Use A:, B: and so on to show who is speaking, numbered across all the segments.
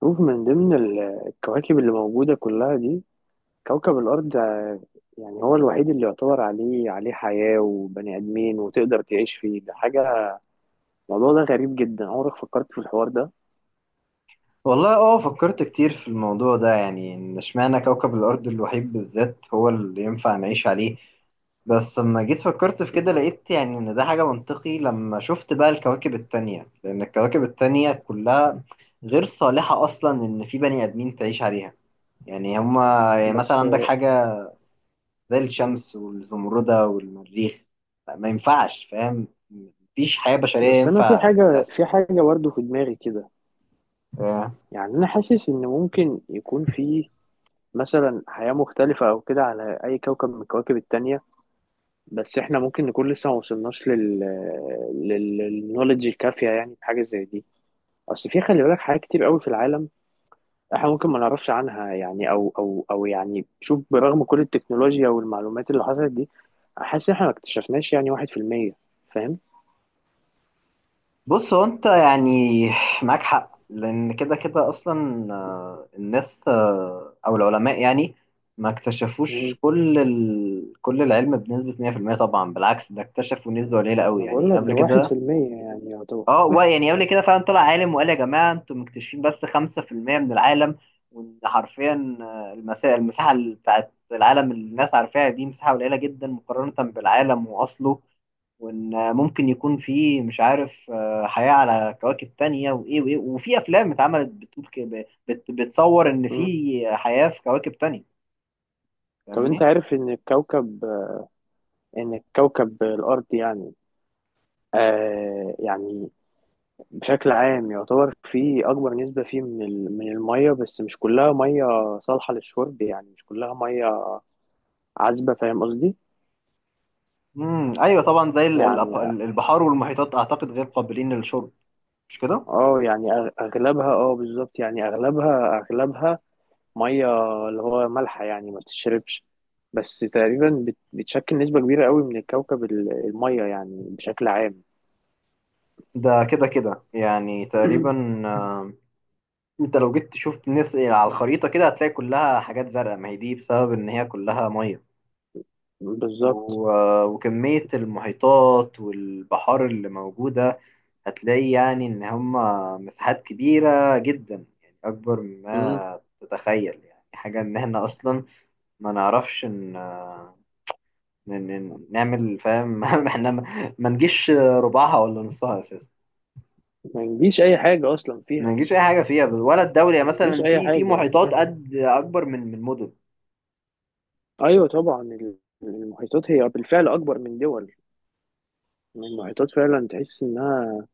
A: شوف، من ضمن الكواكب اللي موجودة كلها دي كوكب الأرض. يعني هو الوحيد اللي يعتبر عليه حياة وبني آدمين وتقدر تعيش فيه، ده حاجة. الموضوع ده غريب جدا، عمرك فكرت في الحوار ده؟
B: والله اه فكرت كتير في الموضوع ده، يعني ان اشمعنى كوكب الارض الوحيد بالذات هو اللي ينفع نعيش عليه. بس لما جيت فكرت في كده
A: مم.
B: لقيت يعني ان ده حاجة منطقي، لما شفت بقى الكواكب التانية، لان الكواكب التانية كلها غير صالحة اصلا ان في بني ادمين تعيش عليها. يعني هما يعني مثلا
A: بس
B: عندك حاجة زي
A: مم.
B: الشمس والزمردة والمريخ، ما ينفعش. فاهم؟ مفيش حياة بشرية
A: بس أنا في
B: ينفع
A: حاجة في
B: تحصل.
A: حاجة برضه في دماغي كده. يعني أنا حاسس إن ممكن يكون في مثلا حياة مختلفة أو كده على أي كوكب من الكواكب التانية، بس إحنا ممكن نكون لسه ما وصلناش للنولج الكافية، يعني في حاجة زي دي. اصل في، خلي بالك، حاجات كتير قوي في العالم احنا ممكن ما نعرفش عنها. يعني او او او يعني شوف، برغم كل التكنولوجيا والمعلومات اللي حصلت دي، حاسس احنا ما اكتشفناش يعني واحد في المية. فاهم؟
B: بص، هو انت يعني معاك حق. لان كده كده اصلا الناس، او العلماء، يعني ما
A: مم.
B: اكتشفوش كل العلم بنسبة 100% طبعا. بالعكس، ده اكتشفوا نسبة قليلة قوي
A: انا بقول
B: يعني
A: لك
B: قبل
A: ده واحد في
B: كده.
A: المية يعني يعتبر.
B: يعني قبل كده فعلا طلع عالم وقال: يا جماعة انتم مكتشفين بس 5% من العالم. وان حرفيا، المساحة بتاعت العالم اللي الناس عارفاها دي مساحة قليلة جدا مقارنة بالعالم واصله. وان ممكن يكون في، مش عارف، حياة على كواكب تانية وايه وايه. وفي افلام اتعملت بتقول كده، بتصور ان
A: مم.
B: في حياة في كواكب تانية،
A: طب انت
B: فاهمني؟
A: عارف ان الكوكب الارض يعني، يعني بشكل عام يعتبر فيه اكبر نسبة فيه من من المية. بس مش كلها مية صالحة للشرب، يعني مش كلها مية عذبة، فاهم قصدي؟
B: ايوه طبعا، زي
A: يعني
B: البحار والمحيطات، اعتقد غير قابلين للشرب، مش كده؟
A: اه يعني اغلبها، اه بالظبط، يعني اغلبها ميه، اللي هو مالحه يعني ما بتشربش. بس تقريبا بتشكل نسبه كبيره قوي من الكوكب الميه يعني بشكل عام.
B: ده كده كده يعني تقريبا، انت لو جيت تشوف الناس على الخريطة كده هتلاقي كلها حاجات زرقاء، ما هي دي بسبب ان هي كلها مية.
A: بالظبط.
B: و- وكمية المحيطات والبحار اللي موجودة، هتلاقي يعني إن هما مساحات كبيرة جدا، يعني أكبر
A: مم.
B: مما تتخيل. يعني حاجة إن إحنا أصلا ما نعرفش إن، نعمل، فاهم؟ إحنا ما نجيش ربعها ولا نصها أساسا.
A: ما يجيش اي حاجه اصلا
B: ما
A: فيها.
B: نجيش أي حاجة فيها ولا الدولة، يعني
A: ما يجيش
B: مثلا
A: اي
B: في
A: حاجه.
B: محيطات قد أكبر من مدن.
A: ايوه طبعا المحيطات هي بالفعل اكبر من دول. المحيطات فعلا تحس انها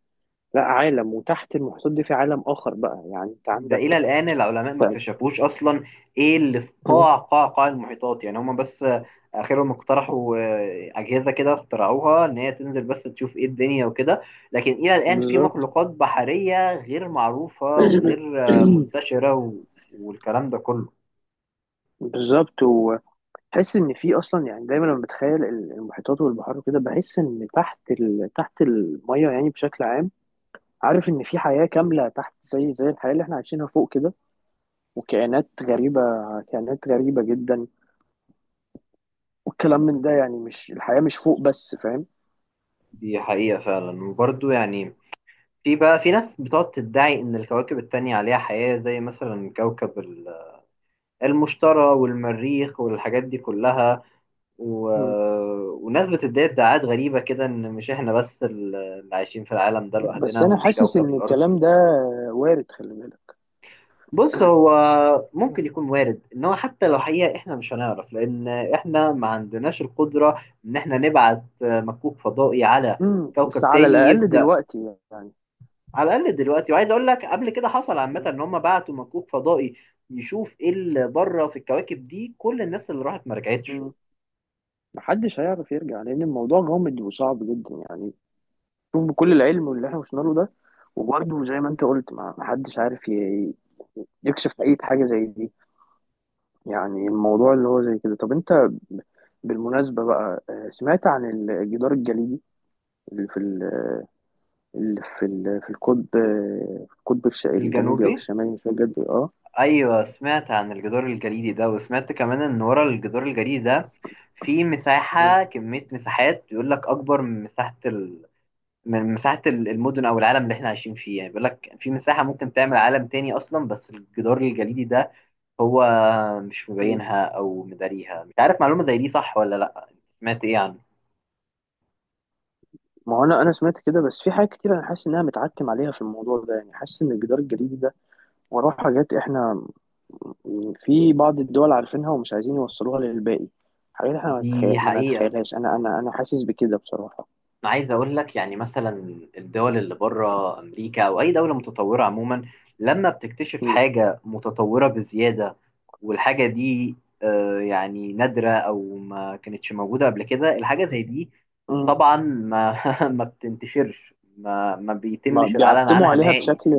A: لا عالم، وتحت المحيطات دي في عالم اخر، بقى يعني انت
B: ده إلى
A: عندك.
B: الآن العلماء ما اكتشفوش أصلا إيه اللي في
A: مم.
B: قاع المحيطات. يعني هما بس آخرهم اقترحوا، أجهزة كده اخترعوها إن هي تنزل بس تشوف إيه الدنيا وكده. لكن إلى الآن في
A: بالظبط.
B: مخلوقات بحرية غير معروفة وغير، منتشرة والكلام ده كله.
A: بالظبط، وتحس ان في اصلا، يعني دايما لما بتخيل المحيطات والبحار وكده بحس ان تحت الميه يعني بشكل عام، عارف ان في حياه كامله تحت، زي الحياه اللي احنا عايشينها فوق كده، وكائنات غريبه، كائنات غريبه جدا، والكلام من ده، يعني مش الحياه مش فوق بس، فاهم.
B: دي حقيقة فعلا. وبرضه يعني، في ناس بتقعد تدعي إن الكواكب التانية عليها حياة، زي مثلا كوكب المشتري والمريخ والحاجات دي كلها. و...
A: مم.
B: وناس بتدعي ادعاءات غريبة كده، إن مش إحنا بس اللي عايشين في العالم ده
A: بس
B: لوحدنا،
A: انا
B: ومش
A: حاسس
B: كوكب
A: ان
B: الأرض.
A: الكلام ده وارد، خلي بالك.
B: بص، هو ممكن يكون وارد إن هو حتى لو حقيقة إحنا مش هنعرف، لأن إحنا ما عندناش القدرة إن إحنا نبعت مكوك فضائي على
A: مم. بس
B: كوكب
A: على
B: تاني
A: الاقل
B: يبدأ.
A: دلوقتي يعني.
B: على الأقل دلوقتي، وعايز أقول لك قبل كده حصل عامة
A: مم.
B: إن هم بعتوا مكوك فضائي يشوف إيه اللي بره في الكواكب دي، كل الناس اللي راحت ما رجعتش.
A: مم. محدش هيعرف يرجع لان الموضوع غامض وصعب جدا يعني. شوف، بكل العلم واللي احنا وصلنا له ده، وبرده زي ما انت قلت، ما حدش عارف يكشف اي حاجه زي دي. يعني الموضوع اللي هو زي كده، طب انت بالمناسبه بقى، سمعت عن الجدار الجليدي اللي في ال- في القطب، في القطب الجنوبي او
B: الجنوبي.
A: الشمالي مش فاكر بجد. اه.
B: ايوه، سمعت عن الجدار الجليدي ده، وسمعت كمان ان ورا الجدار الجليدي ده في
A: مم.
B: مساحة، كمية مساحات بيقول لك اكبر من مساحة من مساحة المدن او العالم اللي احنا عايشين فيه. يعني بيقول لك في مساحة ممكن تعمل عالم تاني اصلا، بس الجدار الجليدي ده هو مش
A: مم.
B: مبينها او مداريها. مش عارف، معلومة زي دي صح ولا لا؟ سمعت ايه عنه؟
A: ما هو انا سمعت كده، بس في حاجات كتير انا حاسس انها متعتم عليها في الموضوع ده. يعني حاسس ان الجدار الجليدي ده وراه حاجات احنا في بعض الدول عارفينها ومش عايزين يوصلوها للباقي. حاجات احنا
B: دي
A: ما
B: حقيقة.
A: نتخيلهاش، انا حاسس بكده بصراحة.
B: انا عايز اقول لك، يعني مثلا الدول اللي بره امريكا او اي دوله متطوره عموما، لما بتكتشف
A: مم.
B: حاجه متطوره بزياده، والحاجه دي يعني نادره، او ما كانتش موجوده قبل كده الحاجه زي دي،
A: مم.
B: طبعا ما ما بتنتشرش، ما
A: ما
B: بيتمش الاعلان
A: بيعتموا
B: عنها
A: عليها
B: نهائي.
A: بشكل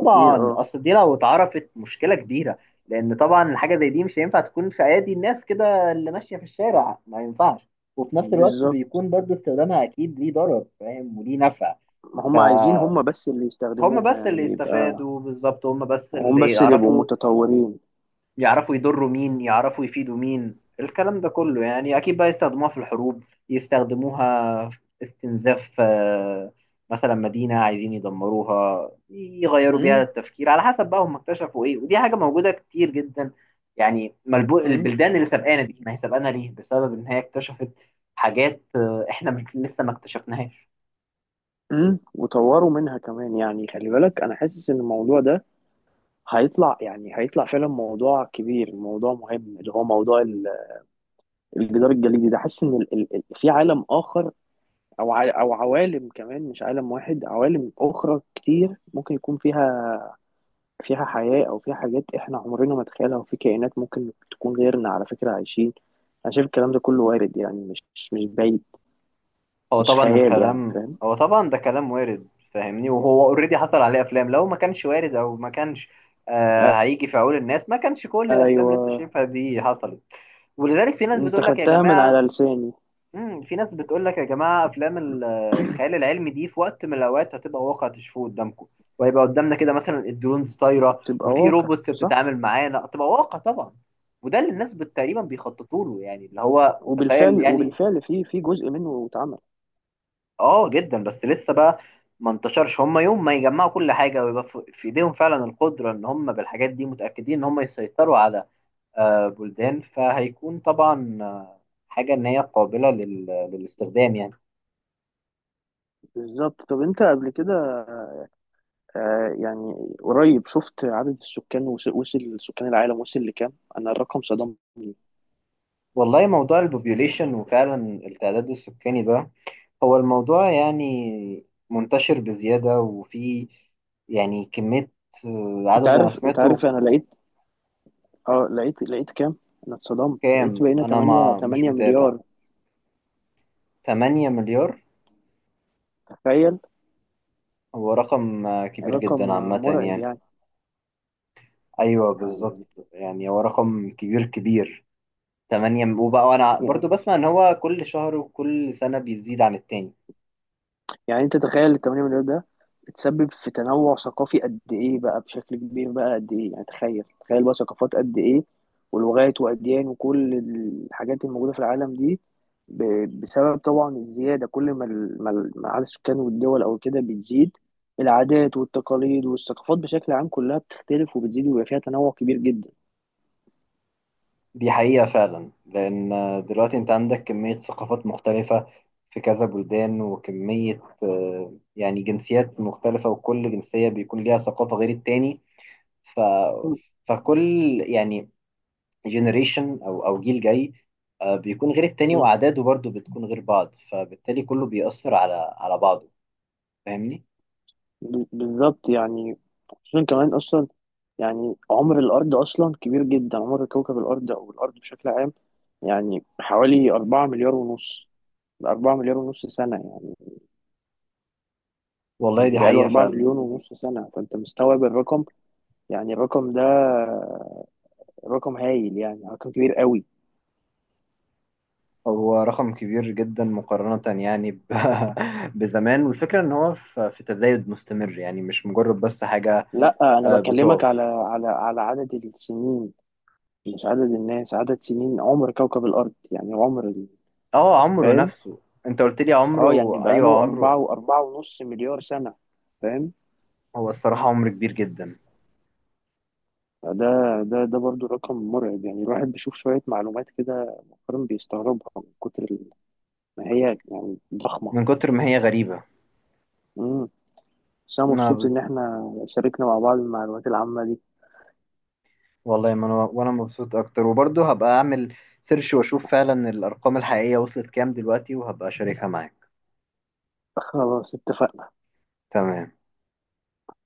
A: كبير اه.
B: اصل دي لو اتعرفت مشكله كبيره، لان طبعا الحاجه زي دي مش هينفع تكون في ايادي الناس كده اللي ماشيه في الشارع، ما ينفعش. وفي نفس الوقت
A: بالظبط،
B: بيكون برضو استخدامها اكيد ليه ضرر، فاهم، وليه نفع.
A: ما هم عايزين
B: فهم.
A: هم بس اللي يستخدموها
B: بس اللي
A: يعني، يبقى
B: استفادوا بالظبط هم بس
A: هم
B: اللي
A: بس اللي يبقوا
B: يعرفوا
A: متطورين.
B: يعرفوا يضروا مين، يعرفوا يفيدوا مين، الكلام ده كله. يعني أكيد بقى يستخدموها في الحروب، يستخدموها في استنزاف، مثلا مدينة عايزين يدمروها، يغيروا بيها
A: مم.
B: التفكير على حسب بقى هم اكتشفوا إيه. ودي حاجة موجودة كتير جدا. يعني
A: مم.
B: البلدان اللي سبقانا دي، ما هي سبقانا ليه بسبب إن هي اكتشفت حاجات، إحنا لسه ما اكتشفناهاش.
A: مم. وطوروا منها كمان. يعني خلي بالك، انا حاسس ان الموضوع ده هيطلع، يعني فعلا موضوع كبير، موضوع مهم، اللي هو موضوع الجدار الجليدي ده. حاسس ان في عالم اخر، او عوالم كمان، مش عالم واحد، عوالم اخرى كتير ممكن يكون فيها، حياة، او فيها حاجات احنا عمرنا ما نتخيلها، وفي كائنات ممكن تكون غيرنا على فكرة عايشين. انا شايف الكلام ده كله وارد، يعني مش بعيد، مش خيال يعني، فاهم.
B: هو طبعا ده كلام وارد، فاهمني؟ وهو اوريدي حصل عليه افلام. لو ما كانش وارد او ما كانش هيجي في عقول الناس، ما كانش كل الافلام اللي انت
A: ايوه.
B: شايفها دي حصلت. ولذلك في ناس
A: انت
B: بتقول لك: يا
A: خدتها من
B: جماعه،
A: على لساني.
B: افلام الخيال العلمي دي في وقت من الاوقات هتبقى واقع تشوفوه قدامكم، وهيبقى قدامنا كده مثلا الدرونز طايره،
A: بتبقى
B: وفي
A: واقع
B: روبوتس
A: صح.
B: بتتعامل معانا، تبقى واقع طبعا. وده اللي الناس تقريبا بيخططوا له، يعني اللي هو تخيل
A: وبالفعل
B: يعني.
A: وبالفعل في جزء منه اتعمل.
B: اه جدا، بس لسه بقى ما انتشرش. هم يوم ما يجمعوا كل حاجه ويبقى في ايديهم فعلا القدره، ان هم بالحاجات دي متاكدين ان هم يسيطروا على، بلدان، فهيكون طبعا، حاجه ان هي قابله للاستخدام يعني.
A: بالظبط، طب انت قبل كده، آه يعني قريب، شفت عدد السكان؟ وصل سكان العالم، وصل لكام؟ انا الرقم صدمني.
B: والله موضوع البوبيوليشن وفعلا التعداد السكاني ده، هو الموضوع يعني منتشر بزياده. وفي يعني كميه،
A: انت
B: عدد انا
A: عارف انت
B: سمعته.
A: عارف انا لقيت، اه لقيت، كام؟ انا اتصدمت، لقيت
B: كام؟
A: بقينا
B: انا
A: 8
B: ما مش
A: 8
B: متابع.
A: مليار.
B: 8 مليار؟
A: تخيل.
B: هو رقم كبير
A: رقم
B: جدا عامة
A: مرعب
B: يعني. أيوه بالظبط.
A: يعني
B: يعني هو رقم كبير كبير، 8. وبقى، وأنا برضو
A: يعني
B: بسمع إن هو كل شهر وكل سنة بيزيد عن التاني.
A: يعني انت تخيل ال 8 مليار ده بتسبب في تنوع ثقافي قد ايه بقى، بشكل كبير بقى، قد ايه يعني، تخيل بقى ثقافات قد ايه، ولغات واديان وكل الحاجات الموجوده في العالم دي بسبب طبعا الزياده. كل ما عدد السكان والدول او كده بتزيد، العادات والتقاليد والثقافات بشكل عام كلها بتختلف وبتزيد، ويبقى فيها تنوع كبير جدا.
B: دي حقيقة فعلا، لأن دلوقتي أنت عندك كمية ثقافات مختلفة في كذا بلدان، وكمية، يعني جنسيات مختلفة، وكل جنسية بيكون ليها ثقافة غير التاني. ف... فكل يعني جنريشن، او جيل جاي، بيكون غير التاني،
A: مم.
B: واعداده برضو بتكون غير بعض، فبالتالي كله بيأثر على بعضه، فاهمني؟
A: بالظبط يعني، خصوصا كمان اصلا، يعني عمر الارض اصلا كبير جدا، عمر كوكب الارض او الارض بشكل عام يعني حوالي 4 مليار ونص، 4 مليار ونص سنة
B: والله
A: يعني
B: دي
A: بقاله
B: حقيقة
A: 4
B: فعلا.
A: مليون ونص سنة، فأنت مستوعب الرقم يعني، الرقم ده رقم هايل يعني، رقم كبير قوي.
B: هو رقم كبير جدا مقارنة يعني بزمان. والفكرة ان هو في تزايد مستمر، يعني مش مجرد بس حاجة
A: لا أنا بكلمك على
B: بتقف.
A: على عدد السنين، مش عدد الناس، عدد سنين عمر كوكب الأرض، يعني عمر
B: اه، عمره
A: فاهم.
B: نفسه. انت قلت لي
A: اه يعني
B: عمره. ايوه،
A: بقاله أربعة
B: عمره.
A: وأربعة ونص مليار سنة، فاهم.
B: هو الصراحة عمر كبير جدا،
A: ده ده برضو رقم مرعب، يعني الواحد بيشوف شوية معلومات كده فعلا بيستغربها، من كتر ما هي يعني ضخمة.
B: من كتر ما هي غريبة.
A: امم بس أنا مبسوط
B: ما
A: إن إحنا شاركنا مع بعض المعلومات العامة دي.
B: والله، ما انا وانا مبسوط اكتر، وبرضه هبقى اعمل سيرش واشوف فعلا الارقام الحقيقية وصلت كام دلوقتي، وهبقى اشاركها معاك.
A: خلاص اتفقنا.
B: تمام.